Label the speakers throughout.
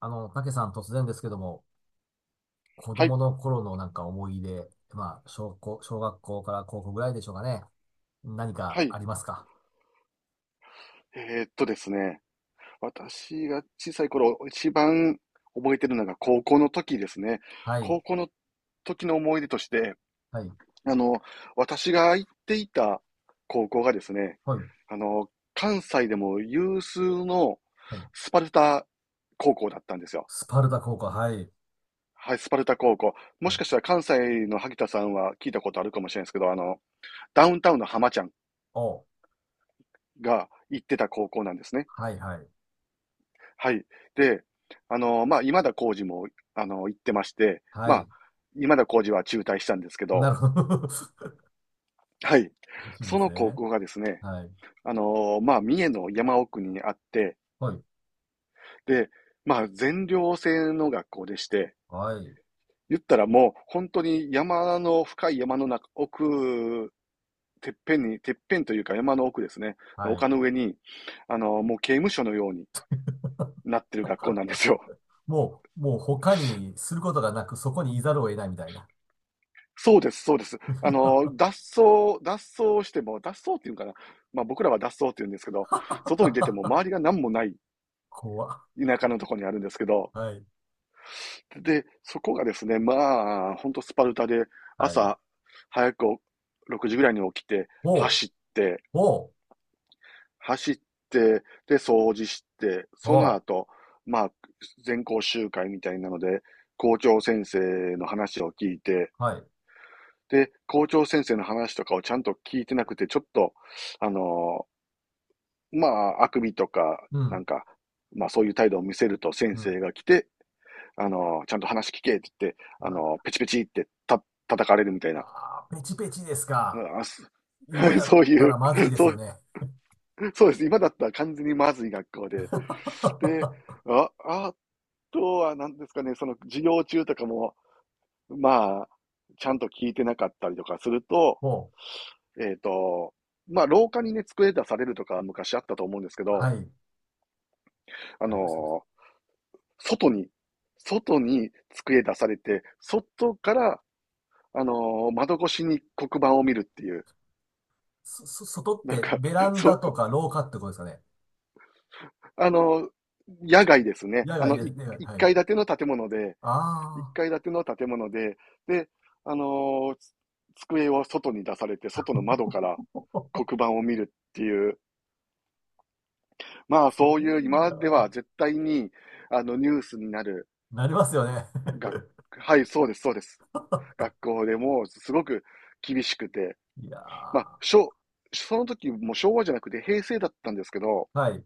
Speaker 1: たけさん突然ですけども、子
Speaker 2: はい、
Speaker 1: 供の頃のなんか思い出、まあ、小学校から高校ぐらいでしょうかね。何
Speaker 2: は
Speaker 1: か
Speaker 2: い。
Speaker 1: ありますか？
Speaker 2: ですね、私が小さい頃、一番覚えてるのが高校の時ですね。
Speaker 1: はい、
Speaker 2: 高校の時の思い出として、
Speaker 1: はい、
Speaker 2: あの、私が行っていた高校がですね、
Speaker 1: はい、
Speaker 2: あの、関西でも有数の
Speaker 1: はい。
Speaker 2: スパルタ高校だったんですよ。
Speaker 1: スパルタ高校、はい、
Speaker 2: はい、スパルタ高校。も
Speaker 1: は
Speaker 2: し
Speaker 1: い。
Speaker 2: かしたら関西の萩田さんは聞いたことあるかもしれないですけど、ダウンタウンの浜ちゃん
Speaker 1: お、
Speaker 2: が行ってた高校なんですね。
Speaker 1: はい、はい、
Speaker 2: はい。で、今田耕司も、行ってまして、
Speaker 1: は
Speaker 2: ま
Speaker 1: い。
Speaker 2: あ、今田耕司は中退したんですけ
Speaker 1: な
Speaker 2: ど、
Speaker 1: るほど。
Speaker 2: はい。
Speaker 1: いいんで
Speaker 2: そ
Speaker 1: す
Speaker 2: の高
Speaker 1: ね。
Speaker 2: 校がですね、
Speaker 1: はい、
Speaker 2: まあ、三重の山奥にあって、
Speaker 1: はい、
Speaker 2: で、まあ、全寮制の学校でして、
Speaker 1: はい、
Speaker 2: 言ったらもう、本当に山の、深い山の中、奥、てっぺんに、てっぺんというか山の奥ですね、
Speaker 1: は
Speaker 2: 丘
Speaker 1: い。
Speaker 2: の上に、もう刑務所のようになってる学校なんですよ。
Speaker 1: もう、もう他にすることがなく、そこにいざるを得ないみたいな。
Speaker 2: そうです、そうです。脱走しても、脱走っていうのかな。まあ僕らは脱走って言うんですけど、外に出ても周りが何もない
Speaker 1: 怖っ。
Speaker 2: 田舎のところにあるんですけど、
Speaker 1: はい、
Speaker 2: で、そこがですね、まあ、ほんとスパルタで、
Speaker 1: はい。
Speaker 2: 朝早く6時ぐらいに起きて、
Speaker 1: ほう、
Speaker 2: 走って、
Speaker 1: ほう、
Speaker 2: 走っで、掃除して、そ
Speaker 1: ほ
Speaker 2: の後、まあ、全校集会みたいなので、校長先生の話を聞いて、
Speaker 1: う。はい。
Speaker 2: で、校長先生の話とかをちゃんと聞いてなくて、ちょっと、あのまあ、あくびとか、
Speaker 1: う
Speaker 2: な
Speaker 1: ん、
Speaker 2: んか、まあ、そういう態度を見せると先
Speaker 1: うん。
Speaker 2: 生が来て、ちゃんと話聞けって言って、
Speaker 1: う
Speaker 2: あ
Speaker 1: わ、
Speaker 2: のーペチペチってた、叩かれるみたい
Speaker 1: ま
Speaker 2: な。
Speaker 1: あー、ペチペチですか。今 やっ
Speaker 2: そう
Speaker 1: た
Speaker 2: いう、
Speaker 1: らまずいです
Speaker 2: そ
Speaker 1: よ
Speaker 2: う、
Speaker 1: ね。
Speaker 2: そうです。今だったら完全にまずい学校で。で、あとは何ですかね、その授業中とかも、まあ、ちゃんと聞いてなかったりとかすると、
Speaker 1: ほ
Speaker 2: えっと、まあ、廊下にね、机出されるとか昔あったと思うんですけ
Speaker 1: う。
Speaker 2: ど、
Speaker 1: はい。
Speaker 2: あ
Speaker 1: ありました。
Speaker 2: のー外に、外に机出されて、外から、窓越しに黒板を見るっていう、
Speaker 1: そ、そ、外っ
Speaker 2: なん
Speaker 1: て
Speaker 2: か、
Speaker 1: ベラ ン
Speaker 2: そ
Speaker 1: ダ
Speaker 2: う、
Speaker 1: とか廊下ってことですかね。
Speaker 2: あのー野外ですね。
Speaker 1: 野
Speaker 2: あ
Speaker 1: 外、
Speaker 2: の、
Speaker 1: 野外、
Speaker 2: 一
Speaker 1: はい。
Speaker 2: 階建ての建物で、一
Speaker 1: ああ、
Speaker 2: 階建ての建物で、で、あのー机を外に出されて、外の窓から 黒板を見るっていう、まあ、
Speaker 1: す
Speaker 2: そうい
Speaker 1: ご
Speaker 2: う
Speaker 1: い
Speaker 2: 今まで
Speaker 1: な。
Speaker 2: は絶対に、ニュースになる、
Speaker 1: なりますよね。
Speaker 2: が、はい、そうです、そうです。学校でもすごく厳しくて、
Speaker 1: いや
Speaker 2: まあ、
Speaker 1: ー、
Speaker 2: 昭その時も昭和じゃなくて平成だったんですけど、
Speaker 1: はい。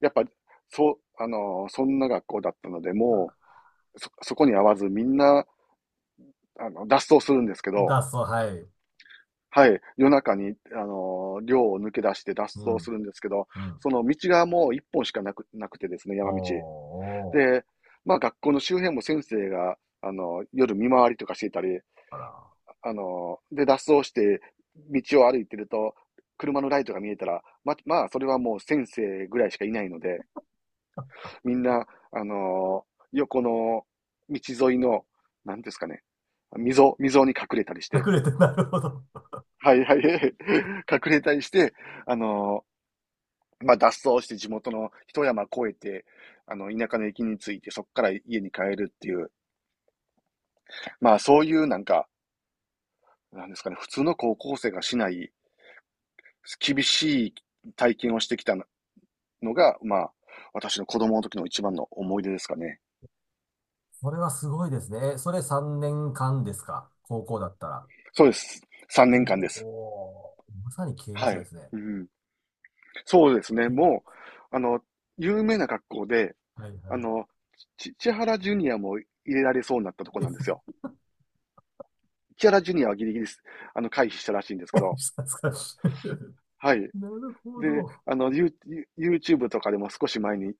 Speaker 2: やっぱ、そう、あの、そんな学校だったので、もう、そ、そこに合わずみんな、脱走するんですけど、
Speaker 1: 脱走、はい。
Speaker 2: はい、夜中に、寮を抜け出して脱
Speaker 1: う
Speaker 2: 走す
Speaker 1: ん、
Speaker 2: るんですけど、
Speaker 1: うん。
Speaker 2: その道がもう一本しかなく、なくてですね、
Speaker 1: お
Speaker 2: 山道。
Speaker 1: ー、お
Speaker 2: で、まあ学校の周辺も先生が、夜見回りとかしていたり、
Speaker 1: ー、あ
Speaker 2: で、脱走して、道を歩いてると、車のライトが見えたら、まあ、それはもう先生ぐらいしかいないので、みんな、あの、横の道沿いの、なんですかね、溝に隠れたりし
Speaker 1: ら。
Speaker 2: て、
Speaker 1: 隠れて、なるほど。
Speaker 2: はいはい、隠れたりして、あの、まあ、脱走して地元の一山越えて、田舎の駅に着いて、そこから家に帰るっていう、まあ、そういうなんか、なんですかね、普通の高校生がしない、厳しい体験をしてきたのが、まあ、私の子供の時の一番の思い出ですかね。
Speaker 1: それはすごいですね。え、それ3年間ですか、高校だったら。
Speaker 2: そうです。3
Speaker 1: お
Speaker 2: 年間です。
Speaker 1: おー、まさに刑務
Speaker 2: は
Speaker 1: 所で
Speaker 2: い。
Speaker 1: すね。
Speaker 2: うん、そうですね。もう、あの、有名な学校で、
Speaker 1: はいは
Speaker 2: あ
Speaker 1: い。
Speaker 2: の、千原ジュニアも入れられそうになったとこなんですよ。千原ジュニアはギリギリ回避したらしいんですけ ど、
Speaker 1: したですか。
Speaker 2: はい。
Speaker 1: なるほ
Speaker 2: で、
Speaker 1: ど。
Speaker 2: あの、ユーチュー YouTube とかでも少し前に、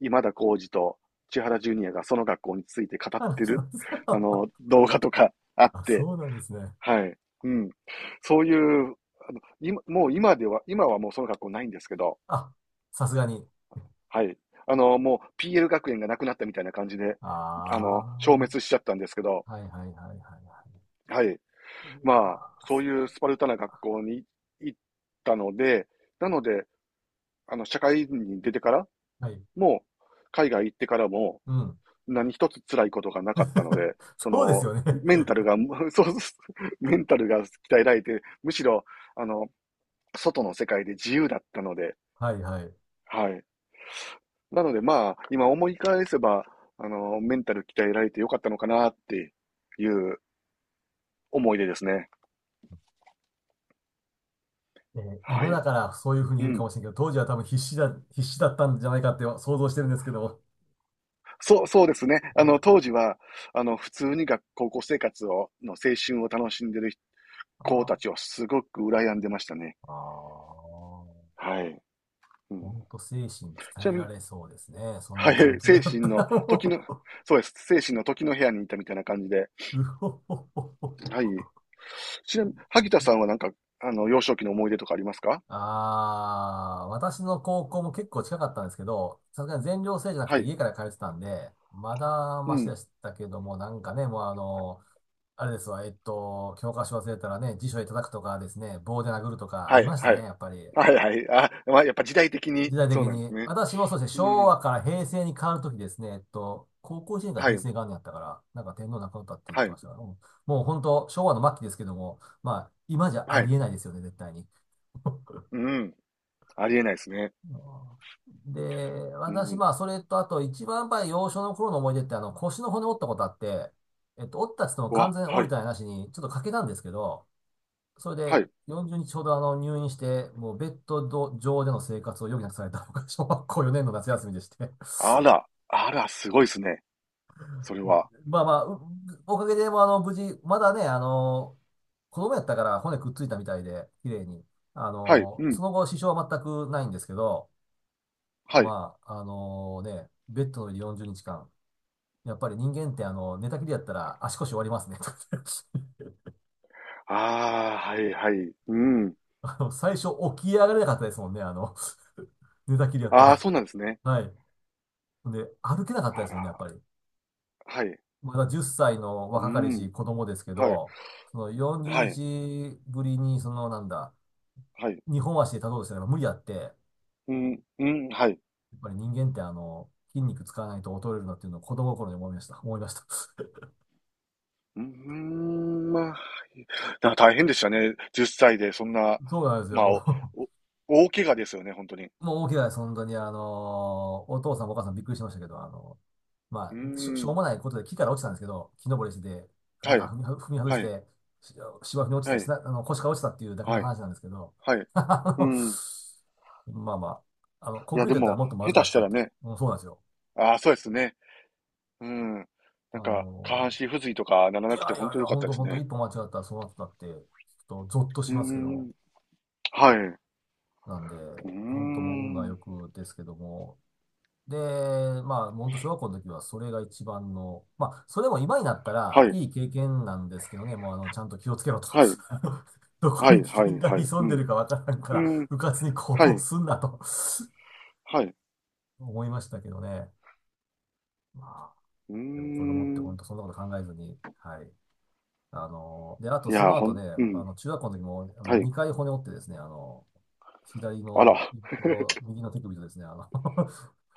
Speaker 2: 今田耕司と千原ジュニアがその学校について語って
Speaker 1: 話し
Speaker 2: る、
Speaker 1: ました。
Speaker 2: 動画とかあっ
Speaker 1: あ、
Speaker 2: て、
Speaker 1: そうなんですね。
Speaker 2: はい。うん。そういう、あの、今もう今では今はもうその学校ないんですけど、
Speaker 1: あ、さすがに。
Speaker 2: はい。もう PL 学園がなくなったみたいな感じで、
Speaker 1: あ
Speaker 2: 消滅しちゃったんですけど、
Speaker 1: あ、はいはいはいはいは
Speaker 2: はい。
Speaker 1: い。いや
Speaker 2: まあ、
Speaker 1: ー、
Speaker 2: そう
Speaker 1: す
Speaker 2: い
Speaker 1: ご
Speaker 2: う
Speaker 1: い。
Speaker 2: スパルタな学校に行ったので、なので、社会人に出てから
Speaker 1: はい。
Speaker 2: も、海外行ってからも、
Speaker 1: うん。
Speaker 2: 何一つ辛いことがなかったの で、
Speaker 1: そうですよね。
Speaker 2: メンタルが、そう、メンタルが鍛えられて、むしろ、あの、外の世界で自由だったので、
Speaker 1: はいはい。
Speaker 2: はい。なのでまあ、今思い返せば、メンタル鍛えられてよかったのかなっていう思い出ですね。
Speaker 1: えー、
Speaker 2: は
Speaker 1: 今
Speaker 2: い。
Speaker 1: だからそういうふうに
Speaker 2: う
Speaker 1: 言えるか
Speaker 2: ん。
Speaker 1: もしれんけど、当時は多分必死だったんじゃないかって想像してるんですけども。
Speaker 2: そうですね。
Speaker 1: いや
Speaker 2: 当時は、普通に高校生活を、の青春を楽しんでる子たち
Speaker 1: あ
Speaker 2: をすごく羨んでましたね。
Speaker 1: ー、あー、
Speaker 2: はい。う
Speaker 1: ほん
Speaker 2: ん、
Speaker 1: と精神
Speaker 2: ち
Speaker 1: 鍛
Speaker 2: な
Speaker 1: え
Speaker 2: み
Speaker 1: ら
Speaker 2: に、
Speaker 1: れそうですね。そん
Speaker 2: は
Speaker 1: な環
Speaker 2: い、
Speaker 1: 境だ
Speaker 2: 精
Speaker 1: っ
Speaker 2: 神
Speaker 1: た
Speaker 2: の
Speaker 1: ら
Speaker 2: 時
Speaker 1: も
Speaker 2: の、
Speaker 1: う。
Speaker 2: そうです。精神の時の部屋にいたみたいな感じで。
Speaker 1: うほほほほ
Speaker 2: はい。
Speaker 1: ほ。
Speaker 2: ちなみに、萩田さんはなんか、幼少期の思い出とかありますか？
Speaker 1: ああ、私の高校も結構近かったんですけど、さすがに全寮制じゃなく
Speaker 2: は
Speaker 1: て
Speaker 2: い。
Speaker 1: 家から通ってたんで、まだ
Speaker 2: う
Speaker 1: マシ
Speaker 2: ん。
Speaker 1: でしたけども、なんかね、もうあれですわ、教科書忘れたらね、辞書で叩くとかですね、棒で殴るとかあ
Speaker 2: は
Speaker 1: り
Speaker 2: い、
Speaker 1: まし
Speaker 2: は
Speaker 1: たね、
Speaker 2: い。
Speaker 1: やっぱり。
Speaker 2: はい、はい。あ、まあ、やっぱ時代的に
Speaker 1: 時代的
Speaker 2: そうなんです
Speaker 1: に、
Speaker 2: ね。
Speaker 1: 私もそうですね、
Speaker 2: う
Speaker 1: 昭
Speaker 2: ん。
Speaker 1: 和から平成に変わるときですね、高校1年から
Speaker 2: は
Speaker 1: 平
Speaker 2: い。
Speaker 1: 成元年やったから、なんか天皇亡くなったって言っ
Speaker 2: は
Speaker 1: てま
Speaker 2: い。
Speaker 1: したから。うん、もう本当、昭和の末期ですけども、まあ、今じゃ
Speaker 2: は
Speaker 1: あ
Speaker 2: い。
Speaker 1: りえないですよね、絶対に。
Speaker 2: うん。ありえないですね。
Speaker 1: うん。で、
Speaker 2: う
Speaker 1: 私、
Speaker 2: ん。
Speaker 1: まあ、それと、あと、一番やっぱり幼少の頃の思い出って、腰の骨折ったことあって、折ったっつっても
Speaker 2: う
Speaker 1: 完
Speaker 2: わ、
Speaker 1: 全に
Speaker 2: は
Speaker 1: 折れ
Speaker 2: い。
Speaker 1: たりなしに、ちょっと欠けたんですけど、それ
Speaker 2: は
Speaker 1: で
Speaker 2: い。
Speaker 1: 40日ほどあの入院して、もうベッド上での生活を余儀なくされたのが小学校4年の夏休みでして。
Speaker 2: あ ら。あら、すごいですね。それは。
Speaker 1: まあまあ、う、おかげで、まあ、あの、無事、まだね、あの、子供やったから骨くっついたみたいで、綺麗に。あ
Speaker 2: はい。
Speaker 1: の、
Speaker 2: う
Speaker 1: そ
Speaker 2: ん。
Speaker 1: の後、支障は全くないんですけど、
Speaker 2: はい。
Speaker 1: まあ、あのね、ベッドの上で40日間。やっぱり人間って、あの、寝たきりやったら足腰終わりますね。
Speaker 2: ああ、はいはい。うん。
Speaker 1: あの、最初起き上がれなかったですもんね、あの、寝たきりやった
Speaker 2: ああ、
Speaker 1: ら。
Speaker 2: そうなんですね。
Speaker 1: はい。で、歩けなかったで
Speaker 2: あ
Speaker 1: すもんね、やっ
Speaker 2: ら。
Speaker 1: ぱり。
Speaker 2: はい。
Speaker 1: まだ10歳の
Speaker 2: う
Speaker 1: 若かり
Speaker 2: ん。
Speaker 1: し子供ですけ
Speaker 2: はい。
Speaker 1: ど、その40
Speaker 2: はい。
Speaker 1: 日ぶりに、そのなんだ、
Speaker 2: はい。
Speaker 1: 日本足で立とうとしたら無理やって、や
Speaker 2: うん、うん、はい。
Speaker 1: っぱり人間ってあの、筋肉使わないと衰えるなっていうのを子供心に思いました。思いました。
Speaker 2: うーん、まあ。だから大変でしたね。10歳で、そんな、
Speaker 1: そうなんです
Speaker 2: まあ、
Speaker 1: よ。
Speaker 2: おお大怪我ですよね、本当に。う
Speaker 1: もう大きなです、本当に。あの、お父さんお母さんびっくりしましたけど、あの、
Speaker 2: ー
Speaker 1: まあ、しょう
Speaker 2: ん。
Speaker 1: もないことで木から落ちたんですけど、木登りしてて、な
Speaker 2: は
Speaker 1: んか
Speaker 2: い、
Speaker 1: 踏み外
Speaker 2: は
Speaker 1: し
Speaker 2: い、
Speaker 1: て、し、芝生に落ち
Speaker 2: は
Speaker 1: たし
Speaker 2: い、
Speaker 1: な、あの、腰から落ちたっていうだけの
Speaker 2: はい、
Speaker 1: 話なんですけど、
Speaker 2: はい。
Speaker 1: あ
Speaker 2: う
Speaker 1: の、
Speaker 2: ん。
Speaker 1: まあまあ、あの、コ
Speaker 2: い
Speaker 1: ン
Speaker 2: や、
Speaker 1: クリー
Speaker 2: で
Speaker 1: トだったら
Speaker 2: も、
Speaker 1: もっとまず
Speaker 2: 下
Speaker 1: か
Speaker 2: 手し
Speaker 1: った
Speaker 2: た
Speaker 1: っ
Speaker 2: ら
Speaker 1: て、
Speaker 2: ね、
Speaker 1: もうそうなんですよ。
Speaker 2: ああ、そうですね。うん。なん
Speaker 1: あ
Speaker 2: か、下半
Speaker 1: の、
Speaker 2: 身不随とかなら
Speaker 1: い
Speaker 2: なくて、
Speaker 1: やい
Speaker 2: 本
Speaker 1: やい
Speaker 2: 当
Speaker 1: や、
Speaker 2: 良かっ
Speaker 1: 本
Speaker 2: たで
Speaker 1: 当
Speaker 2: す
Speaker 1: 本当
Speaker 2: ね。
Speaker 1: 一歩間違ったらそうなってたって、ちょっとゾッと
Speaker 2: う
Speaker 1: し
Speaker 2: ー
Speaker 1: ますけども。
Speaker 2: ん。はい。う
Speaker 1: なんで、
Speaker 2: ー
Speaker 1: 本当もう運が良
Speaker 2: ん。
Speaker 1: くですけども。で、まあ、本当小学校の時はそれが一番の、まあ、それも今になったら
Speaker 2: はい、
Speaker 1: いい経験なんですけどね、もうあの、ちゃんと気をつけろと。
Speaker 2: はい、
Speaker 1: ど
Speaker 2: は
Speaker 1: こに
Speaker 2: い、
Speaker 1: 危
Speaker 2: は
Speaker 1: 険
Speaker 2: い、
Speaker 1: が
Speaker 2: はい。
Speaker 1: 潜
Speaker 2: う
Speaker 1: んで
Speaker 2: ん。
Speaker 1: るかわからんか
Speaker 2: う
Speaker 1: ら、
Speaker 2: ん。
Speaker 1: うかつに行
Speaker 2: は
Speaker 1: 動
Speaker 2: い、
Speaker 1: すんなと。
Speaker 2: はい。
Speaker 1: 思いましたけどね。まあ、
Speaker 2: うー
Speaker 1: でも子供って
Speaker 2: ん。
Speaker 1: 本当そんなこと考えずに、はい。あの、で、あとその後ね、
Speaker 2: う
Speaker 1: あ
Speaker 2: ん。
Speaker 1: の、中学校の時も、あ
Speaker 2: は
Speaker 1: の、
Speaker 2: い。
Speaker 1: 2回骨折ってですね、あの、左
Speaker 2: あ
Speaker 1: の、
Speaker 2: ら。
Speaker 1: と右の手首とですね、あの。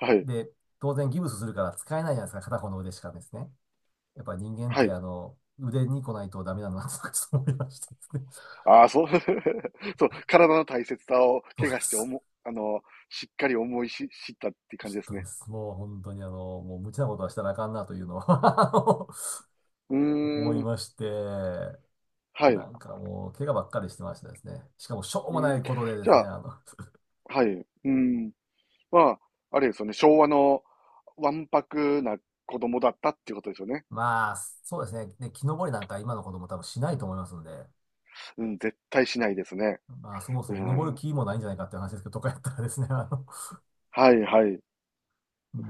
Speaker 2: は い、
Speaker 1: で、当然ギブスするから使えないじゃないですか、片方の腕しかですね。やっぱり人間っ
Speaker 2: は
Speaker 1: て、
Speaker 2: い。
Speaker 1: あの、腕に来ないとダメなんだなと、ちょっと思いましてですね。
Speaker 2: ああ、そう、そう、体の大切さを
Speaker 1: そう
Speaker 2: 怪
Speaker 1: で
Speaker 2: 我してお
Speaker 1: す。
Speaker 2: も、あの、しっかり思いし、知ったって
Speaker 1: ち
Speaker 2: 感
Speaker 1: ょ
Speaker 2: じ
Speaker 1: っ
Speaker 2: です
Speaker 1: とで
Speaker 2: ね。
Speaker 1: す。もう本当にあの、もう無茶なことはしたらあかんなというのは。 あの、
Speaker 2: うー
Speaker 1: 思い
Speaker 2: ん、
Speaker 1: まして、
Speaker 2: は
Speaker 1: な
Speaker 2: い。
Speaker 1: んかもう怪我ばっかりしてましたですね。しかもしょう
Speaker 2: う
Speaker 1: もな
Speaker 2: ん、
Speaker 1: い
Speaker 2: じ
Speaker 1: ことでです
Speaker 2: ゃ
Speaker 1: ね、
Speaker 2: あ、
Speaker 1: あの、
Speaker 2: はい、うん、まあ、あれですよね、昭和のわんぱくな子供だったっていうことですよね。
Speaker 1: まあ、そうですね。で、木登りなんか今の子供多分しないと思いますんで、
Speaker 2: うん、絶対しないですね。
Speaker 1: まあ、そも
Speaker 2: う
Speaker 1: そも登る
Speaker 2: ん、
Speaker 1: 気もないんじゃないかっていう話ですけど、とかやったらですね、あの、
Speaker 2: はいはい。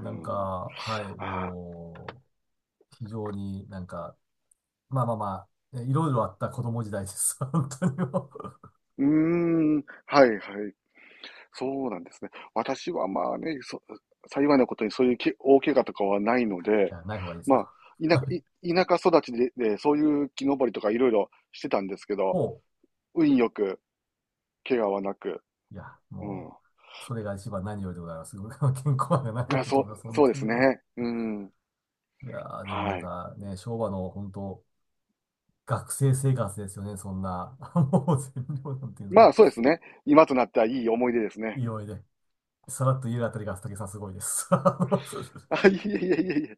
Speaker 2: う
Speaker 1: ん
Speaker 2: ん、
Speaker 1: か、はい、
Speaker 2: あー
Speaker 1: もう、非常になんか、まあまあまあ、いろいろあった子供時代です。本当にもう。
Speaker 2: はいはい。そうなんですね。私はまあね、幸いなことにそういう大怪我とかはないの
Speaker 1: い
Speaker 2: で、
Speaker 1: や、ない方がいいです
Speaker 2: ま
Speaker 1: よ。
Speaker 2: あ、田舎、田舎育ちで、で、そういう木登りとかいろいろしてたんですけど、
Speaker 1: ほ
Speaker 2: 運よく怪我はなく、
Speaker 1: う。いや、
Speaker 2: う
Speaker 1: も
Speaker 2: ん。
Speaker 1: う、それが一番何よりでございます。健康が何よ
Speaker 2: まあ、
Speaker 1: りだと
Speaker 2: そう、
Speaker 1: 思います。本
Speaker 2: そうで
Speaker 1: 当
Speaker 2: す
Speaker 1: に
Speaker 2: ね。
Speaker 1: もう。
Speaker 2: うん。
Speaker 1: いやー、でもな
Speaker 2: は
Speaker 1: ん
Speaker 2: い。
Speaker 1: かね、昭和の本当、学生生活ですよね、そんな。もう全量なんていうの
Speaker 2: ま
Speaker 1: は。
Speaker 2: あ、そうですね。今となってはいい思い出です
Speaker 1: い
Speaker 2: ね。
Speaker 1: いいで、さらっと言えるあたりが、武井さんすごいです。
Speaker 2: あ、いえいえいえいえ。